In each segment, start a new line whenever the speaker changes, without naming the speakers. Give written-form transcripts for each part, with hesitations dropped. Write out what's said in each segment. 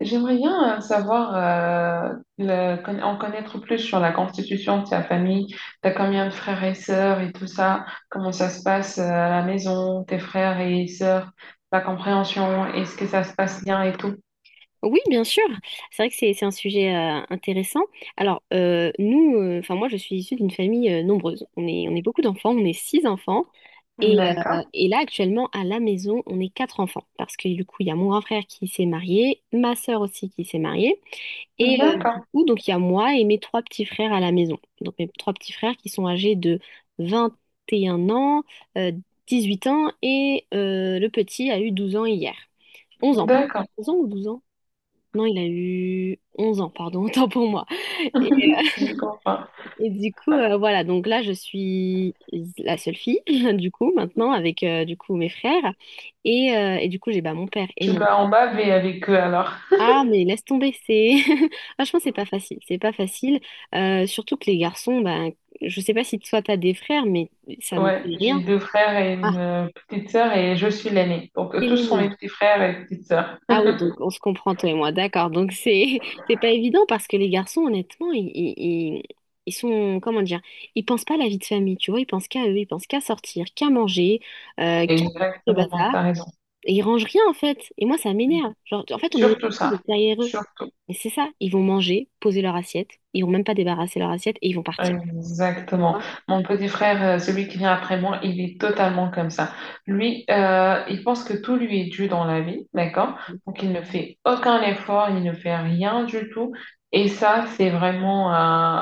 J'aimerais bien savoir, en connaître plus sur la constitution de ta famille. T'as combien de frères et sœurs et tout ça? Comment ça se passe à la maison, tes frères et sœurs, la compréhension, est-ce que ça se passe bien et tout?
Oui, bien sûr. C'est vrai que c'est un sujet intéressant. Alors, enfin moi, je suis issue d'une famille nombreuse. On est beaucoup d'enfants, on est six enfants. Et,
D'accord,
et là, actuellement, à la maison, on est quatre enfants. Parce que du coup, il y a mon grand frère qui s'est marié, ma sœur aussi qui s'est mariée. Du
d'accord,
coup, donc, il y a moi et mes trois petits frères à la maison. Donc, mes trois petits frères qui sont âgés de vingt et un ans, euh, huit ans, et le petit a eu 12 ans hier. 11 ans, pardon.
d'accord,
11 ans ou 12 ans? Non, il a eu 11 ans, pardon, autant pour moi. Et,
je comprends.
et du coup, voilà, donc là, je suis la seule fille, du coup, maintenant, avec mes frères. Et du coup, j'ai bah, mon père et
Tu
moi.
dois en baver avec eux alors.
Ah, mais laisse tomber, Franchement, c'est pas facile, c'est pas facile. Surtout que les garçons, ben je sais pas si toi, t'as des frères, mais ça ne fait
Ouais, j'ai
rien.
deux frères et
Ah,
une petite sœur et je suis l'aînée. Donc tous sont mes
c'est
petits frères et petites sœurs.
ah oui, donc on se comprend toi et moi, d'accord. Donc c'est c'est pas évident parce que les garçons, honnêtement, ils- ils sont, comment dire, ils pensent pas à la vie de famille, tu vois, ils pensent qu'à eux, ils pensent qu'à sortir, qu'à manger, qu'à le
Exactement, t'as
bazar,
raison.
et ils rangent rien en fait. Et moi, ça m'énerve. Genre, en fait, on est
Surtout
obligé
ça,
d'être derrière eux.
surtout.
Et c'est ça, ils vont manger, poser leur assiette, ils vont même pas débarrasser leur assiette et ils vont partir. Tu
Exactement.
vois?
Mon petit frère, celui qui vient après moi, il est totalement comme ça. Lui, il pense que tout lui est dû dans la vie, d'accord? Donc il ne fait aucun effort, il ne fait rien du tout. Et ça, c'est vraiment,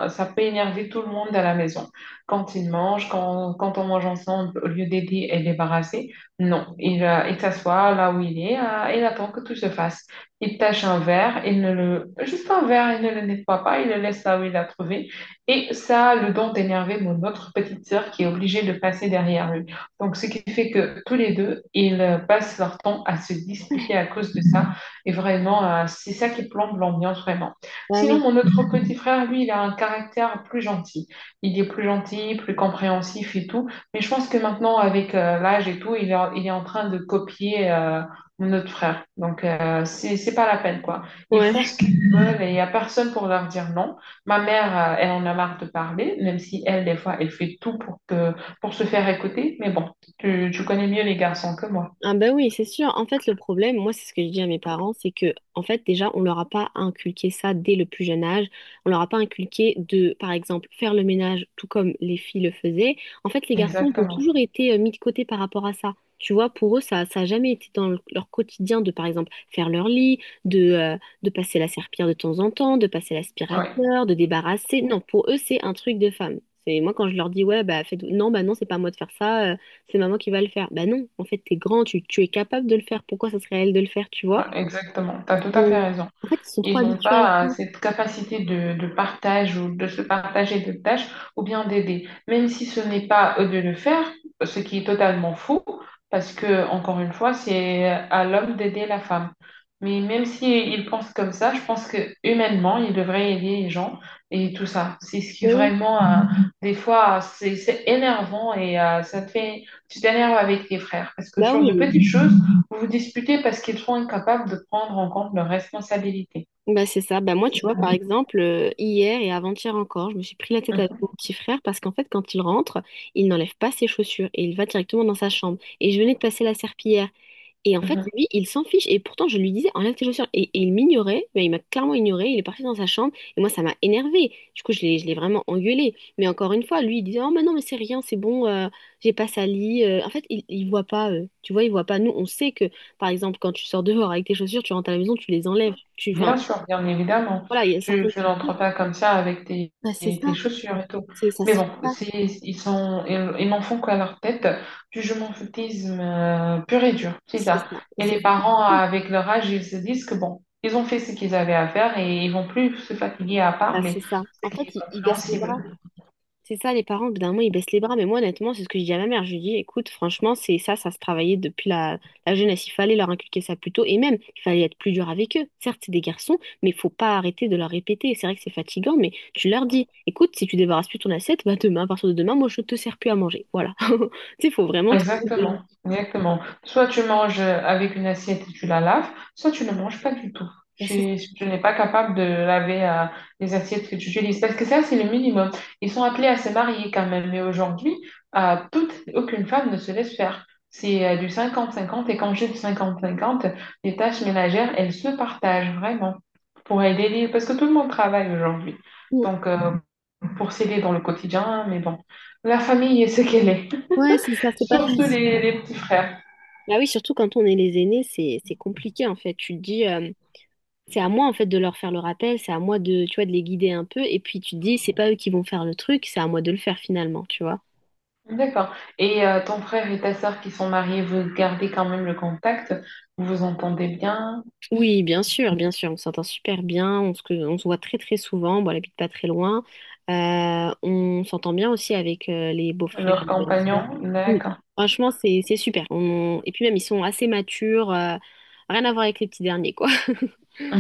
ça peut énerver tout le monde à la maison. Quand il mange, quand on mange ensemble, au lieu d'aider et débarrasser, non, il s'assoit là où il est et il attend que tout se fasse. Il tâche un verre, il ne le, juste un verre, il ne le nettoie pas, il le laisse là où il l'a trouvé. Et ça le don d'énerver mon autre petite sœur qui est obligée de passer derrière lui. Donc, ce qui fait que tous les deux, ils passent leur temps à se disputer à cause de ça. Et vraiment, c'est ça qui plombe l'ambiance vraiment.
Bah
Sinon,
oui.
mon autre petit frère, lui, il a un caractère plus gentil. Il est plus gentil, plus compréhensif et tout. Mais je pense que maintenant, avec l'âge et tout, il est en train de copier mon autre frère. Donc, c'est pas la peine, quoi. Ils font
Ouais.
ce qu'ils veulent et il n'y a personne pour leur dire non. Ma mère, elle en a marre de parler, même si elle, des fois, elle fait tout pour pour se faire écouter. Mais bon, tu connais mieux les garçons que moi.
Ah ben oui, c'est sûr. En fait, le problème, moi, c'est ce que je dis à mes parents, c'est que, en fait, déjà, on leur a pas inculqué ça dès le plus jeune âge. On leur a pas inculqué de, par exemple, faire le ménage tout comme les filles le faisaient. En fait, les garçons, ils ont
Exactement.
toujours été mis de côté par rapport à ça. Tu vois, pour eux, ça a jamais été dans leur quotidien de, par exemple, faire leur lit, de passer la serpillière de temps en temps, de passer
Oui,
l'aspirateur, de débarrasser. Non, pour eux, c'est un truc de femme. C'est moi quand je leur dis, ouais, bah, faites... non, bah non, c'est pas à moi de faire ça, c'est maman qui va le faire. Bah non, en fait, t'es grand, tu es capable de le faire. Pourquoi ça serait à elle de le faire, tu
ouais,
vois?
exactement. Tu as tout à fait
Bon.
raison.
En fait, ils sont
Et
trop
non
habitués à
pas
ça.
à cette capacité de partage ou de se partager de tâches ou bien d'aider. Même si ce n'est pas eux de le faire, ce qui est totalement faux, parce que, encore une fois, c'est à l'homme d'aider la femme. Mais même s'ils pensent comme ça, je pense que humainement, ils devraient aider les gens et tout ça. C'est ce qui
Bah oui.
vraiment, des fois, c'est énervant et ça te fait, tu t'énerves avec tes frères. Parce que
Bah
sur de
oui.
petites choses, vous vous disputez parce qu'ils sont incapables de prendre en compte leurs responsabilités.
Bah c'est ça. Bah moi, tu vois, par exemple, hier et avant-hier encore, je me suis pris la tête avec
Mhm,
mon petit frère parce qu'en fait, quand il rentre, il n'enlève pas ses chaussures et il va directement dans sa chambre. Et je venais de passer la serpillière. Et en fait,
mhm.
lui, il s'en fiche. Et pourtant, je lui disais, enlève tes chaussures. Et il m'ignorait, mais il m'a clairement ignoré. Il est parti dans sa chambre. Et moi, ça m'a énervé. Du coup, je l'ai vraiment engueulé. Mais encore une fois, lui, il disait, oh, mais non, mais c'est rien, c'est bon, j'ai pas sali. En fait, il voit pas, tu vois, il voit pas. Nous, on sait que, par exemple, quand tu sors dehors avec tes chaussures, tu rentres à la maison, tu les enlèves. Enfin,
Bien sûr, bien évidemment.
voilà, il y a certaines
Je n'entres
cultures.
pas comme ça avec tes,
Bah, c'est
tes
ça.
chaussures et tout.
Ça
Mais
se fait
bon,
pas.
ils n'en font qu'à leur tête du jumentisme pur et dur, c'est
C'est
ça.
ça. Et
Et
c'est
les parents,
frustrant.
avec leur âge, ils se disent que bon, ils ont fait ce qu'ils avaient à faire et ils vont plus se fatiguer à
Bah,
parler,
c'est ça. En
ce
fait,
qui est
il baisse les bras.
compréhensible.
C'est ça, les parents, au bout d'un moment, ils baissent les bras. Mais moi, honnêtement, c'est ce que je dis à ma mère. Je lui dis, écoute, franchement, c'est ça, ça se travaillait depuis la jeunesse. Il fallait leur inculquer ça plus tôt. Et même, il fallait être plus dur avec eux. Certes, c'est des garçons, mais il faut pas arrêter de leur répéter. C'est vrai que c'est fatigant, mais tu leur dis, écoute, si tu débarrasses plus ton assiette, bah demain, à partir de demain, moi, je te sers plus à manger. Voilà. Tu sais, il faut vraiment trouver.
Exactement, exactement. Soit tu manges avec une assiette et tu la laves, soit tu ne manges pas du tout.
Bah, c'est ça.
Si tu n'es pas capable de laver les assiettes que tu utilises, parce que ça, c'est le minimum. Ils sont appelés à se marier quand même, mais aujourd'hui, aucune femme ne se laisse faire. C'est du cinquante-cinquante et quand j'ai du cinquante-cinquante, les tâches ménagères, elles se partagent vraiment pour aider les... Parce que tout le monde travaille aujourd'hui. Donc, pour s'aider dans le quotidien, mais bon, la famille est ce qu'elle est.
Ouais, c'est ça, c'est pas
Surtout
facile.
les petits frères.
Bah oui, surtout quand on est les aînés, c'est compliqué en fait. Tu te dis, c'est à moi en fait de leur faire le rappel, c'est à moi de, tu vois, de les guider un peu. Et puis tu te dis, c'est pas eux qui vont faire le truc, c'est à moi de le faire finalement, tu vois.
D'accord. Et ton frère et ta sœur qui sont mariés, vous gardez quand même le contact? Vous vous entendez bien?
Oui, bien sûr, on s'entend super bien, on se voit très très souvent, bon, elle habite pas très loin. On s'entend bien aussi avec les beaux-frères
Leur
les belles-sœurs.
compagnon?
Oui,
D'accord.
franchement, c'est super. Et puis même, ils sont assez matures, rien à voir avec les petits derniers, quoi.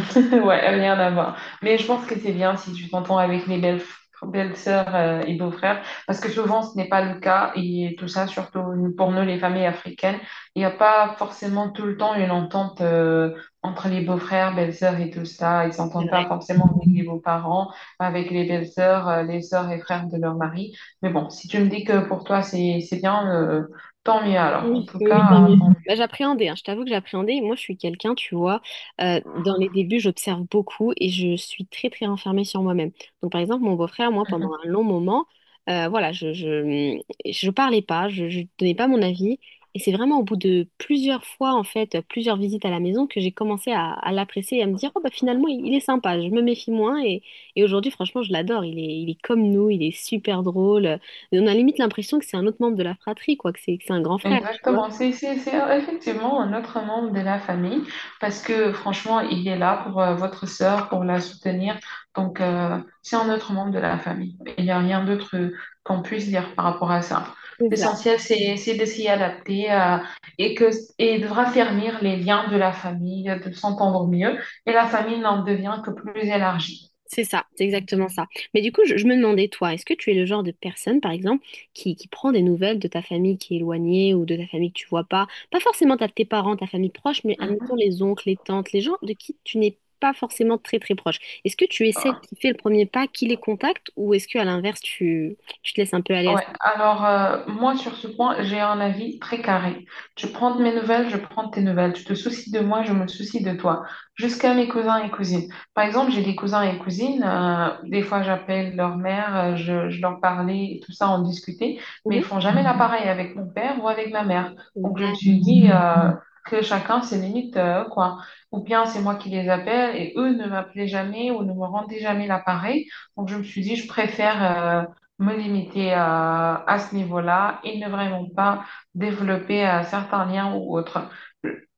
Ouais, rien à voir. Mais je pense que c'est bien si tu t'entends avec belles-sœurs et beaux-frères, parce que souvent ce n'est pas le cas, et tout ça, surtout pour nous, les familles africaines, il n'y a pas forcément tout le temps une entente entre les beaux-frères, belles-sœurs et tout ça. Ils
C'est
s'entendent pas
vrai.
forcément avec les beaux-parents, avec les belles-sœurs, les sœurs et frères de leur mari. Mais bon, si tu me dis que pour toi c'est bien, tant mieux alors. En
Oui,
tout
oui, oui, tant
cas,
mieux.
tant
Bah, j'appréhendais, hein, je t'avoue que j'appréhendais. Moi, je suis quelqu'un, tu vois, dans les débuts, j'observe beaucoup et je suis très, très renfermée sur moi-même. Donc, par exemple, mon beau-frère, moi, pendant
mieux.
un long moment, voilà, je parlais pas, je donnais pas mon avis. Et c'est vraiment au bout de plusieurs fois, en fait, plusieurs visites à la maison, que j'ai commencé à l'apprécier et à me dire, oh, bah, finalement, il est sympa, je me méfie moins. Et aujourd'hui, franchement, je l'adore. Il est comme nous, il est super drôle. On a limite l'impression que c'est un autre membre de la fratrie, quoi, que c'est un grand frère, tu vois.
Exactement, c'est effectivement un autre membre de la famille parce que franchement, il est là pour votre sœur, pour la soutenir. Donc, c'est un autre membre de la famille. Il n'y a rien d'autre qu'on puisse dire par rapport à ça.
C'est ça,
L'essentiel, c'est de s'y adapter et, que, et de raffermir les liens de la famille, de s'entendre mieux. Et la famille n'en devient que plus élargie.
c'est ça, c'est exactement ça. Mais du coup, je me demandais, toi, est-ce que tu es le genre de personne, par exemple, qui prend des nouvelles de ta famille qui est éloignée ou de ta famille que tu vois pas, pas forcément tes parents, ta famille proche, mais admettons les oncles, les tantes, les gens de qui tu n'es pas forcément très très proche. Est-ce que tu es celle qui fait le premier pas, qui les contacte, ou est-ce que à l'inverse, tu te laisses un peu aller à ce,
Ouais, alors moi sur ce point, j'ai un avis très carré. Tu prends de mes nouvelles, je prends de tes nouvelles. Tu te soucies de moi, je me soucie de toi. Jusqu'à mes cousins et cousines. Par exemple, j'ai des cousins et cousines. Des fois, j'appelle leur mère, je leur parlais et tout ça, on discutait. Mais
mhm,
ils font jamais la pareille avec mon père ou avec ma mère. Donc je me
niveau-là.
suis dit que chacun ses limites, quoi. Ou bien c'est moi qui les appelle et eux ne m'appelaient jamais ou ne me rendaient jamais l'appareil. Donc je me suis dit, je préfère... me limiter à ce niveau-là et ne vraiment pas développer certains liens ou autres.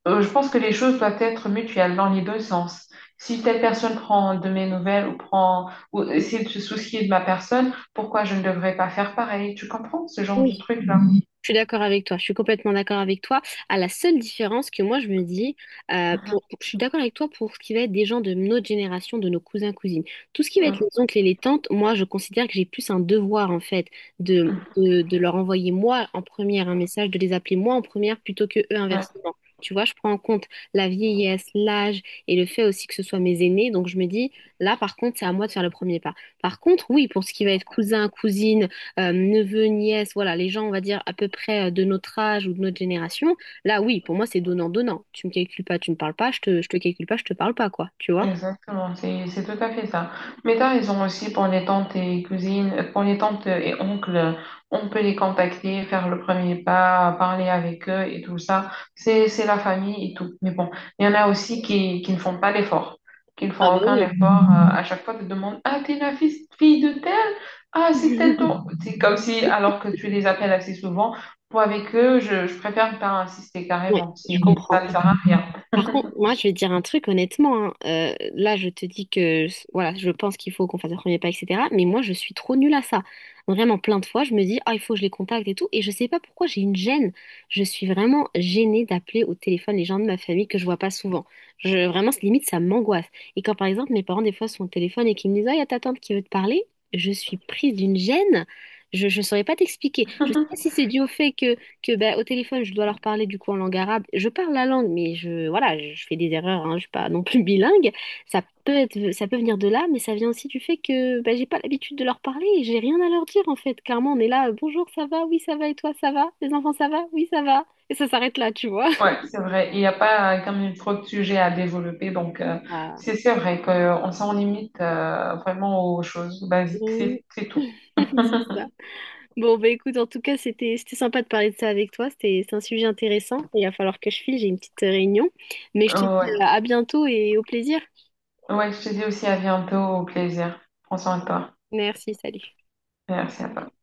Je pense que les choses doivent être mutuelles dans les deux sens. Si telle personne prend de mes nouvelles ou prend ou essaie de se soucier de ma personne, pourquoi je ne devrais pas faire pareil? Tu comprends ce genre de truc-là?
Je suis d'accord avec toi, je suis complètement d'accord avec toi. À la seule différence que moi je me dis, je suis d'accord avec toi pour ce qui va être des gens de notre génération, de nos cousins, cousines. Tout ce qui va être
Mhm.
les oncles et les tantes, moi je considère que j'ai plus un devoir en fait de,
Mhm.
de, de leur envoyer moi en première un message, de les appeler moi en première plutôt que eux inversement. Tu vois, je prends en compte la vieillesse, l'âge et le fait aussi que ce soit mes aînés. Donc je me dis, là par contre, c'est à moi de faire le premier pas. Par contre, oui, pour ce qui va être cousin, cousine, neveux, nièces, voilà, les gens, on va dire, à peu près de notre âge ou de notre génération, là, oui, pour moi, c'est donnant-donnant. Tu me calcules pas, tu me parles pas, je te calcule pas, je te parle pas, quoi, tu vois?
Exactement, c'est tout à fait ça. Mais t'as raison aussi pour les tantes et cousines, pour les tantes et oncles, on peut les contacter, faire le premier pas, parler avec eux et tout ça. C'est la famille et tout. Mais bon, il y en a aussi qui ne font pas l'effort, qui ne
Ah
font
bah
aucun
oui.
effort. À chaque fois, tu te demandes, ah, t'es la fille, fille de tel? Ah, c'est tel ton. C'est comme si, alors que tu les appelles assez souvent, pour avec eux, je préfère ne pas insister
Oui,
carrément.
je
Si
comprends.
ça ne sert à rien.
Par contre, moi, je vais te dire un truc honnêtement, hein. Là, je te dis que voilà, je pense qu'il faut qu'on fasse un premier pas, etc. Mais moi, je suis trop nulle à ça. Vraiment, plein de fois, je me dis, ah, il faut que je les contacte et tout. Et je sais pas pourquoi j'ai une gêne. Je suis vraiment gênée d'appeler au téléphone les gens de ma famille que je vois pas souvent. Vraiment, c'est limite, ça m'angoisse. Et quand, par exemple, mes parents, des fois, sont au téléphone et qu'ils me disent, ah, il y a ta tante qui veut te parler, je suis prise d'une gêne. Je ne saurais pas t'expliquer. Je sais pas si c'est dû au fait que ben, au téléphone, je dois leur parler du coup en langue arabe. Je parle la langue, mais voilà, je fais des erreurs, hein, je suis pas non plus bilingue. Ça peut être, ça peut venir de là, mais ça vient aussi du fait que ben, j'ai pas l'habitude de leur parler et j'ai rien à leur dire en fait. Clairement, on est là, bonjour, ça va, oui, ça va, et toi, ça va? Les enfants, ça va? Oui, ça va. Et ça s'arrête là, tu vois.
Ouais, c'est vrai. Il n'y a pas comme une trop de sujets à développer. Donc,
Ah.
c'est vrai qu'on s'en limite vraiment aux choses basiques.
Mm.
C'est tout.
C'est ça. Bon, bah écoute, en tout cas, c'était sympa de parler de ça avec toi. C'est un sujet intéressant. Il va falloir que je file, j'ai une petite réunion. Mais je te dis
Ouais.
à bientôt et au plaisir.
Ouais, je te dis aussi à bientôt. Au plaisir. Prends soin de toi.
Merci, salut.
Merci à toi.